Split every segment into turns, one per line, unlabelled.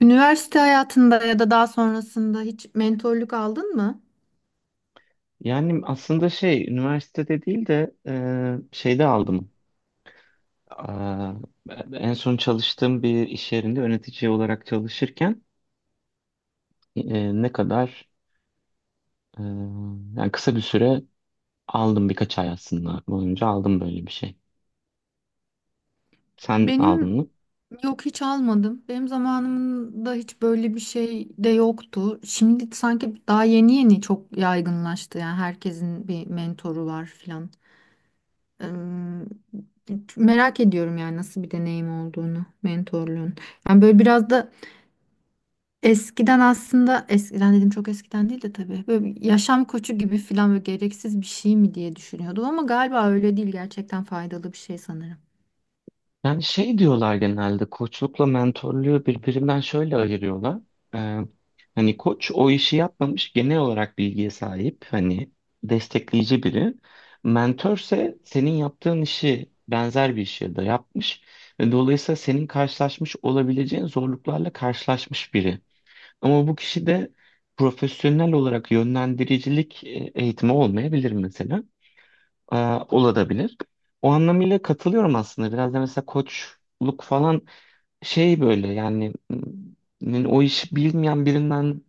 Üniversite hayatında ya da daha sonrasında hiç mentorluk aldın mı?
Yani aslında şey üniversitede değil de şeyde aldım. Aa, en son çalıştığım bir iş yerinde yönetici olarak çalışırken e, ne kadar e, yani kısa bir süre aldım, birkaç ay aslında boyunca aldım böyle bir şey. Sen aldın
Benim
mı?
yok, hiç almadım. Benim zamanımda hiç böyle bir şey de yoktu. Şimdi sanki daha yeni yeni çok yaygınlaştı. Yani herkesin bir mentoru var filan. Eee, Merak ediyorum yani nasıl bir deneyim olduğunu, mentorluğun. Yani böyle biraz da eskiden, aslında eskiden dedim, çok eskiden değil de tabii, böyle bir yaşam koçu gibi filan böyle gereksiz bir şey mi diye düşünüyordum ama galiba öyle değil, gerçekten faydalı bir şey sanırım.
Yani şey diyorlar, genelde koçlukla mentörlüğü birbirinden şöyle ayırıyorlar. Ee, hani koç o işi yapmamış, genel olarak bilgiye sahip, hani destekleyici biri. Mentörse senin yaptığın işi, benzer bir işi de yapmış ve dolayısıyla senin karşılaşmış olabileceğin zorluklarla karşılaşmış biri. Ama bu kişi de profesyonel olarak yönlendiricilik eğitimi olmayabilir mesela, e, olabilir. O anlamıyla katılıyorum aslında. Biraz da mesela koçluk falan şey böyle yani, o işi bilmeyen birinden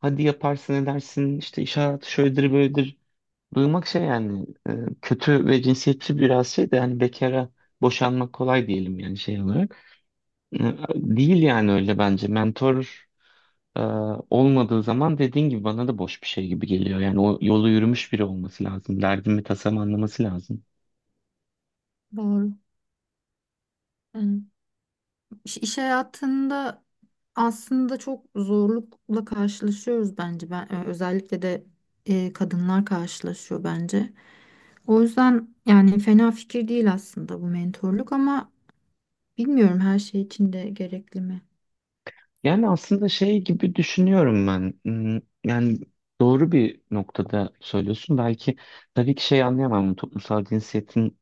hadi yaparsın edersin, işte iş hayatı şöyledir böyledir duymak şey yani, kötü ve cinsiyetçi biraz, şey de yani bekara boşanmak kolay diyelim yani, şey olarak. E, Değil yani öyle bence. Mentor e, olmadığı zaman dediğin gibi bana da boş bir şey gibi geliyor. Yani o yolu yürümüş biri olması lazım. Derdimi tasam anlaması lazım.
Doğru. Yani iş hayatında aslında çok zorlukla karşılaşıyoruz bence, ben özellikle de kadınlar karşılaşıyor bence. O yüzden yani fena fikir değil aslında bu mentorluk ama bilmiyorum, her şey için de gerekli mi?
Yani aslında şey gibi düşünüyorum ben. Hmm. Yani doğru bir noktada söylüyorsun. Belki tabii ki şey anlayamam, toplumsal cinsiyetin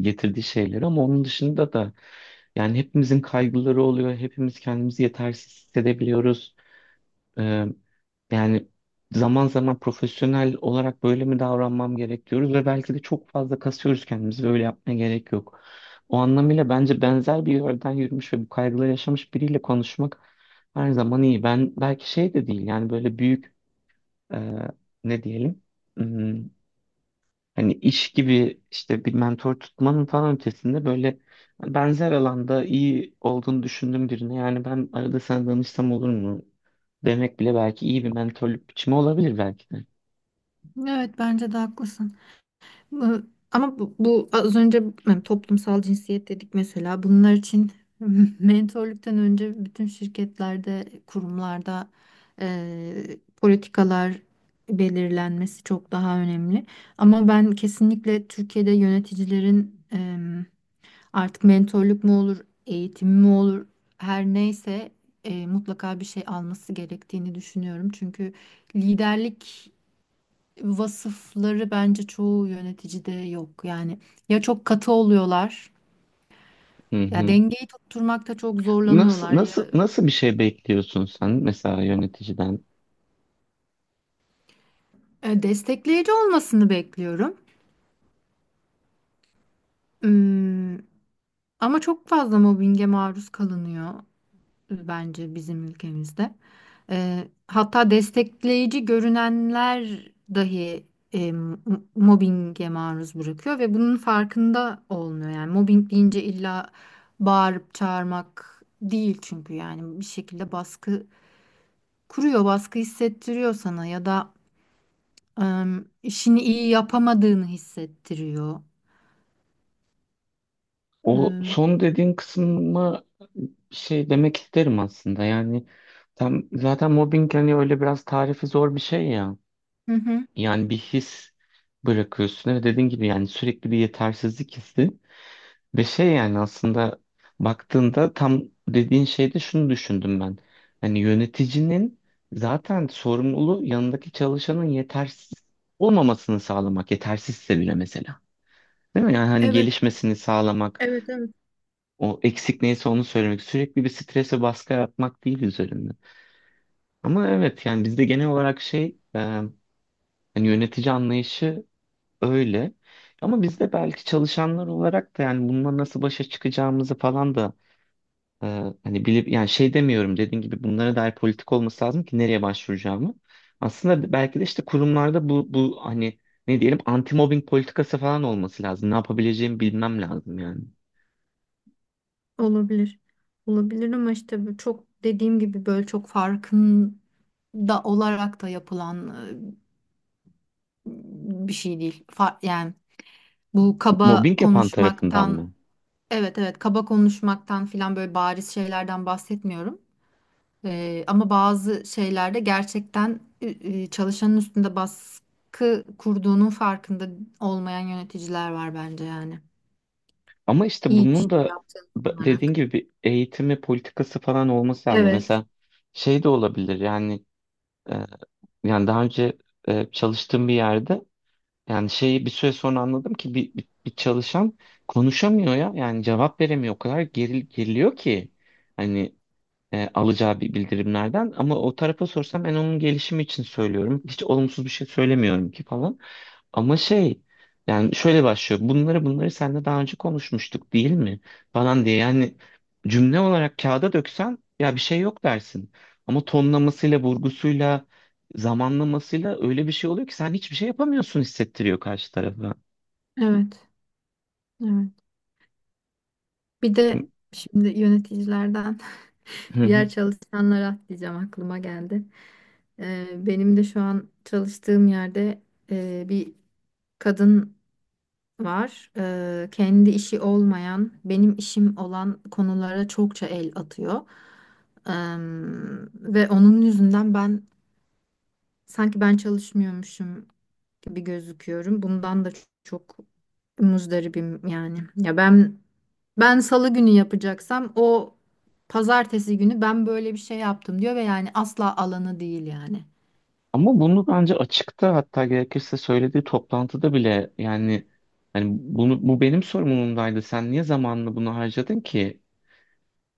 getirdiği şeyleri, ama onun dışında da yani hepimizin kaygıları oluyor. Hepimiz kendimizi yetersiz hissedebiliyoruz. Ee, yani zaman zaman profesyonel olarak böyle mi davranmam gerek diyoruz ve belki de çok fazla kasıyoruz kendimizi ve öyle yapmaya gerek yok. O anlamıyla bence benzer bir yerden yürümüş ve bu kaygıları yaşamış biriyle konuşmak her zaman iyi. Ben belki şey de değil yani, böyle büyük e, ne diyelim, hani iş gibi, işte bir mentor tutmanın falan ötesinde böyle benzer alanda iyi olduğunu düşündüğüm birine yani ben arada sana danışsam olur mu demek bile belki iyi bir mentorluk biçimi olabilir belki de.
Evet, bence de haklısın. Iı, Ama bu az önce, yani toplumsal cinsiyet dedik mesela. Bunlar için mentorluktan önce bütün şirketlerde, kurumlarda politikalar belirlenmesi çok daha önemli. Ama ben kesinlikle Türkiye'de yöneticilerin artık mentorluk mu olur, eğitim mi olur, her neyse, mutlaka bir şey alması gerektiğini düşünüyorum. Çünkü liderlik vasıfları bence çoğu yöneticide yok. Yani ya çok katı oluyorlar,
Hı
ya
hı.
dengeyi tutturmakta çok
Nasıl
zorlanıyorlar ya...
nasıl nasıl bir şey bekliyorsun sen mesela yöneticiden?
Destekleyici olmasını bekliyorum. Hmm, ama çok fazla mobbinge maruz kalınıyor bence bizim ülkemizde. Hatta destekleyici görünenler dahi, eee, m- mobbinge maruz bırakıyor ve bunun farkında olmuyor. Yani mobbing deyince illa bağırıp çağırmak değil, çünkü yani bir şekilde baskı kuruyor, baskı hissettiriyor sana ya da eee, işini iyi yapamadığını hissettiriyor.
O
Eee,
son dediğin kısma bir şey demek isterim aslında. Yani tam zaten mobbing hani öyle biraz tarifi zor bir şey ya.
hı hı.
Yani bir his bırakıyorsun ve dediğin gibi yani sürekli bir yetersizlik hissi ve şey yani aslında baktığında tam dediğin şeyde şunu düşündüm ben. Hani yöneticinin zaten sorumluluğu yanındaki çalışanın yetersiz olmamasını sağlamak. Yetersizse bile mesela. Değil mi? Yani hani
Evet,
gelişmesini sağlamak,
evet, evet.
o eksik neyse onu söylemek, sürekli bir strese baskı yapmak değil üzerinde. Ama evet yani bizde genel olarak şey, hani yönetici anlayışı öyle. Ama biz de belki çalışanlar olarak da yani bununla nasıl başa çıkacağımızı falan da, e, hani bilip yani şey demiyorum, dediğin gibi bunlara dair politik olması lazım ki nereye başvuracağımı. Aslında belki de işte kurumlarda bu hani ne diyelim anti mobbing politikası falan olması lazım. Ne yapabileceğimi bilmem lazım yani.
Olabilir. Olabilir ama işte bu çok, dediğim gibi, böyle çok farkında olarak da yapılan bir şey değil. Yani bu kaba
Mobbing yapan tarafından
konuşmaktan...
mı?
Evet, evet, kaba konuşmaktan filan böyle bariz şeylerden bahsetmiyorum. Ama bazı şeylerde gerçekten, çalışanın üstünde baskı kurduğunun farkında olmayan yöneticiler var bence yani.
Ama işte
İyi bir
bunun
şey
da
yaptığını
dediğin
sanarak.
gibi bir eğitimi politikası falan olması lazım.
Evet,
Mesela şey de olabilir yani, e, yani daha önce çalıştığım bir yerde, yani şeyi bir süre sonra anladım ki bir çalışan konuşamıyor ya. Yani cevap veremiyor. O kadar geriliyor ki hani alacağı bir bildirimlerden. Ama o tarafa sorsam ben onun gelişimi için söylüyorum. Hiç olumsuz bir şey söylemiyorum ki falan. Ama şey yani şöyle başlıyor. Bunları seninle daha önce konuşmuştuk değil mi? Falan diye yani, cümle olarak kağıda döksen ya bir şey yok dersin. Ama tonlamasıyla, vurgusuyla, zamanlamasıyla öyle bir şey oluyor ki sen hiçbir şey yapamıyorsun, hissettiriyor karşı tarafa.
evet, evet. Bir
Hı
de şimdi yöneticilerden
hı. Hı.
diğer çalışanlara diyeceğim aklıma geldi. Benim de şu an çalıştığım yerde bir kadın var. Kendi işi olmayan, benim işim olan konulara çokça el atıyor. Ee, Ve onun yüzünden ben sanki ben çalışmıyormuşum gibi gözüküyorum. Bundan da çok muzdaribim yani. Ya ben... Ben salı günü yapacaksam o pazartesi günü ben böyle bir şey yaptım diyor ve yani asla alanı değil yani.
Ama bunu bence açıkta, hatta gerekirse söylediği toplantıda bile yani, hani bunu, bu benim sorumluluğumdaydı. Sen niye zamanını bunu harcadın ki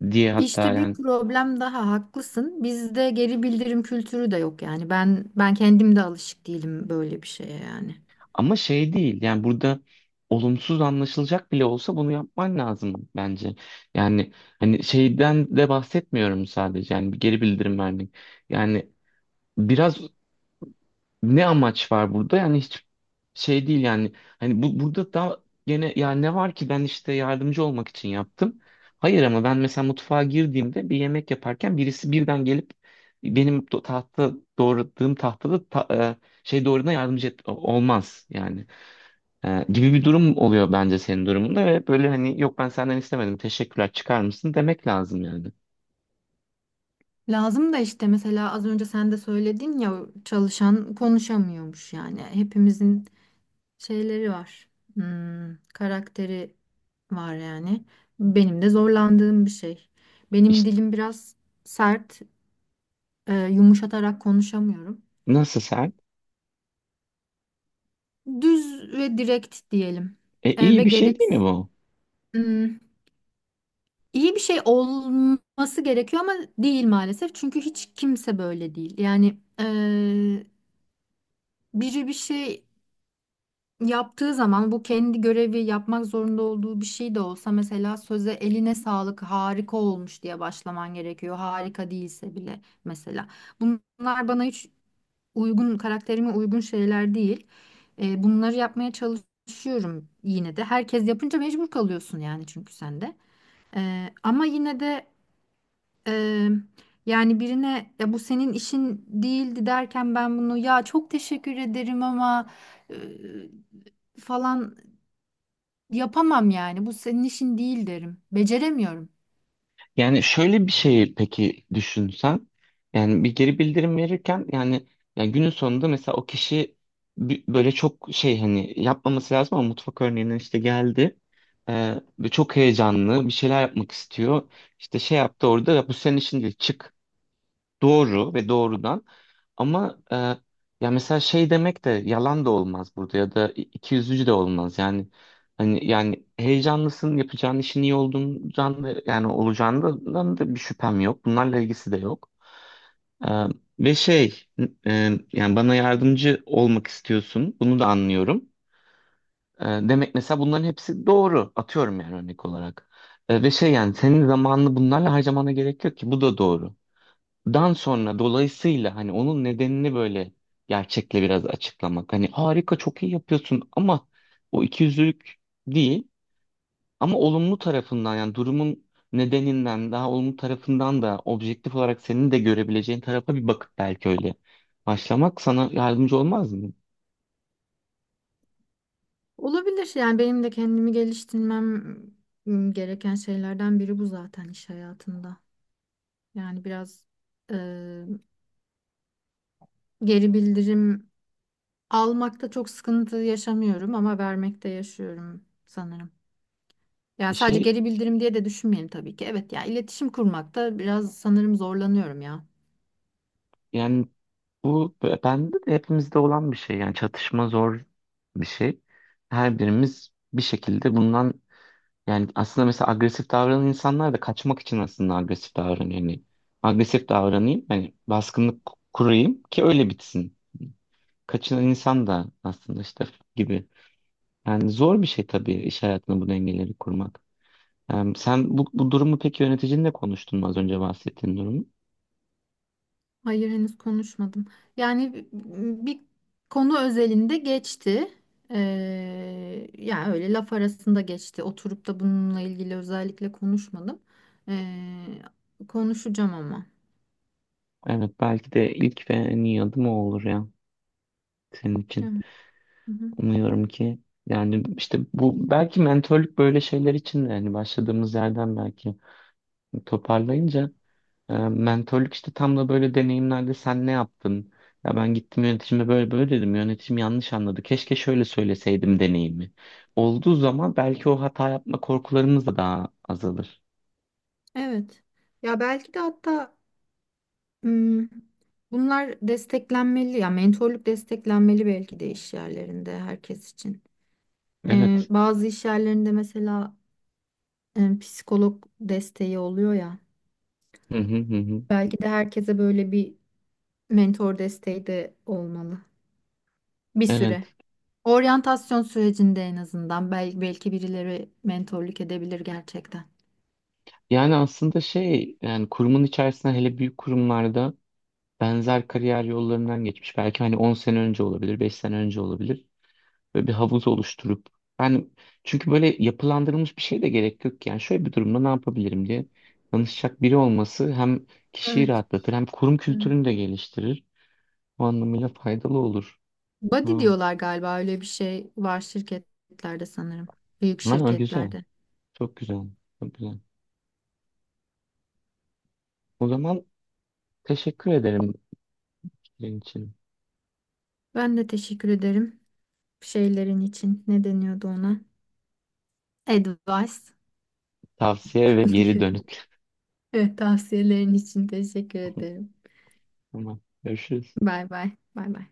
diye hatta
İşte bir
yani.
problem daha, haklısın. Bizde geri bildirim kültürü de yok yani. Ben kendim de alışık değilim böyle bir şeye yani.
Ama şey değil yani, burada olumsuz anlaşılacak bile olsa bunu yapman lazım bence. Yani hani şeyden de bahsetmiyorum, sadece yani bir geri bildirim vermek. Yani biraz ne amaç var burada yani, hiç şey değil yani, hani bu burada da gene ya ne var ki ben işte yardımcı olmak için yaptım. Hayır ama ben mesela mutfağa girdiğimde bir yemek yaparken birisi birden gelip benim tahta doğradığım tahtada şey doğradığına yardımcı olmaz yani. Gibi bir durum oluyor bence senin durumunda ve böyle hani yok, ben senden istemedim, teşekkürler, çıkar mısın demek lazım yani.
Lazım da, işte mesela az önce sen de söyledin ya, çalışan konuşamıyormuş yani. Hepimizin şeyleri var. Hmm, karakteri var yani. Benim de zorlandığım bir şey. Benim
İşte
dilim biraz sert. Yumuşatarak konuşamıyorum.
nasıl sen?
Düz ve direkt diyelim.
İyi
Ve
bir şey
gerek...
değil mi bu?
Hmm, iyi bir şey olması gerekiyor ama değil maalesef. Çünkü hiç kimse böyle değil. Yani biri bir şey yaptığı zaman, bu kendi görevi, yapmak zorunda olduğu bir şey de olsa mesela, söze "eline sağlık, harika olmuş" diye başlaman gerekiyor. Harika değilse bile mesela. Bunlar bana hiç uygun, karakterime uygun şeyler değil. Bunları yapmaya çalışıyorum yine de. Herkes yapınca mecbur kalıyorsun yani, çünkü sen de. Ama yine de, e, yani birine "ya bu senin işin değildi" derken, ben bunu "ya çok teşekkür ederim ama e, falan yapamam" yani. "Bu senin işin değil" derim. Beceremiyorum.
Yani şöyle bir şey peki düşünsen, yani bir geri bildirim verirken yani, yani günün sonunda mesela o kişi böyle çok şey hani yapmaması lazım ama mutfak örneğinden işte geldi. Ve çok heyecanlı bir şeyler yapmak istiyor. İşte şey yaptı orada, ya bu senin işin değil çık. Doğru ve doğrudan ama ya mesela şey demek de yalan da olmaz burada, ya da ikiyüzlücü de olmaz yani, hani yani heyecanlısın, yapacağın işin iyi olduğundan da, yani olacağından da bir şüphem yok, bunlarla ilgisi de yok. E, ve şey yani bana yardımcı olmak istiyorsun, bunu da anlıyorum. Demek mesela, bunların hepsi doğru, atıyorum yani örnek olarak. Ve şey yani senin zamanını bunlarla harcamana gerek yok ki, bu da doğru. Dan sonra dolayısıyla hani onun nedenini böyle gerçekle biraz açıklamak. Hani harika, çok iyi yapıyorsun ama, o ikiyüzlülük değil ama olumlu tarafından yani durumun nedeninden, daha olumlu tarafından da objektif olarak senin de görebileceğin tarafa bir bakıp belki öyle başlamak sana yardımcı olmaz mı?
Olabilir, yani benim de kendimi geliştirmem gereken şeylerden biri bu zaten iş hayatında. Yani biraz e, geri bildirim almakta çok sıkıntı yaşamıyorum ama vermekte yaşıyorum sanırım. Yani sadece
Şey
geri bildirim diye de düşünmeyin tabii ki. Evet, ya iletişim kurmakta biraz sanırım zorlanıyorum ya.
yani bu bende de, hepimizde olan bir şey yani, çatışma zor bir şey. Her birimiz bir şekilde bundan... Yani aslında mesela agresif davranan insanlar da kaçmak için aslında agresif davranıyor. Yani agresif davranayım, hani baskınlık kurayım ki öyle bitsin. Kaçınan insan da aslında işte gibi. Yani zor bir şey tabii iş hayatında bu dengeleri kurmak. Yani sen bu durumu peki yöneticinle konuştun mu, az önce bahsettiğin durumu?
Hayır, henüz konuşmadım. Yani bir konu özelinde geçti. Yani öyle laf arasında geçti. Oturup da bununla ilgili özellikle konuşmadım. Ee, Konuşacağım ama.
Evet, belki de ilk ve en iyi adım o olur ya, senin için.
Evet.
Umuyorum ki yani işte bu belki mentörlük böyle şeyler için de, hani başladığımız yerden belki toparlayınca, mentörlük işte tam da böyle deneyimlerde, sen ne yaptın? Ya ben gittim yöneticime böyle böyle dedim. Yöneticim yanlış anladı. Keşke şöyle söyleseydim deneyimi. Olduğu zaman belki o hata yapma korkularımız da daha azalır.
Evet. Ya belki de hatta, hmm, bunlar desteklenmeli ya, mentorluk desteklenmeli belki de iş yerlerinde herkes için.
Evet.
Bazı iş yerlerinde mesela psikolog desteği oluyor ya.
Hı hı hı hı.
Belki de herkese böyle bir mentor desteği de olmalı bir süre.
Evet.
Oryantasyon sürecinde en azından belki, belki birileri mentorluk edebilir gerçekten.
Yani aslında şey yani kurumun içerisinde, hele büyük kurumlarda benzer kariyer yollarından geçmiş. Belki hani 10 sene önce olabilir, 5 sene önce olabilir. Böyle bir havuz oluşturup yani, çünkü böyle yapılandırılmış bir şey de gerek yok yani, şöyle bir durumda ne yapabilirim diye danışacak biri olması hem kişiyi
Evet.
rahatlatır hem kurum
Evet.
kültürünü de geliştirir. Bu anlamıyla faydalı olur.
Buddy
Ha,
diyorlar galiba, öyle bir şey var şirketlerde sanırım. Büyük
ha, güzel.
şirketlerde.
Çok güzel. Çok güzel. O zaman teşekkür ederim fikrin için.
Ben de teşekkür ederim şeylerin için. Ne deniyordu ona? Advice.
Tavsiye ve geri
diye.
dönüt.
Evet, tavsiyelerin için teşekkür ederim.
Tamam. Görüşürüz.
Bay bay. Bay bay.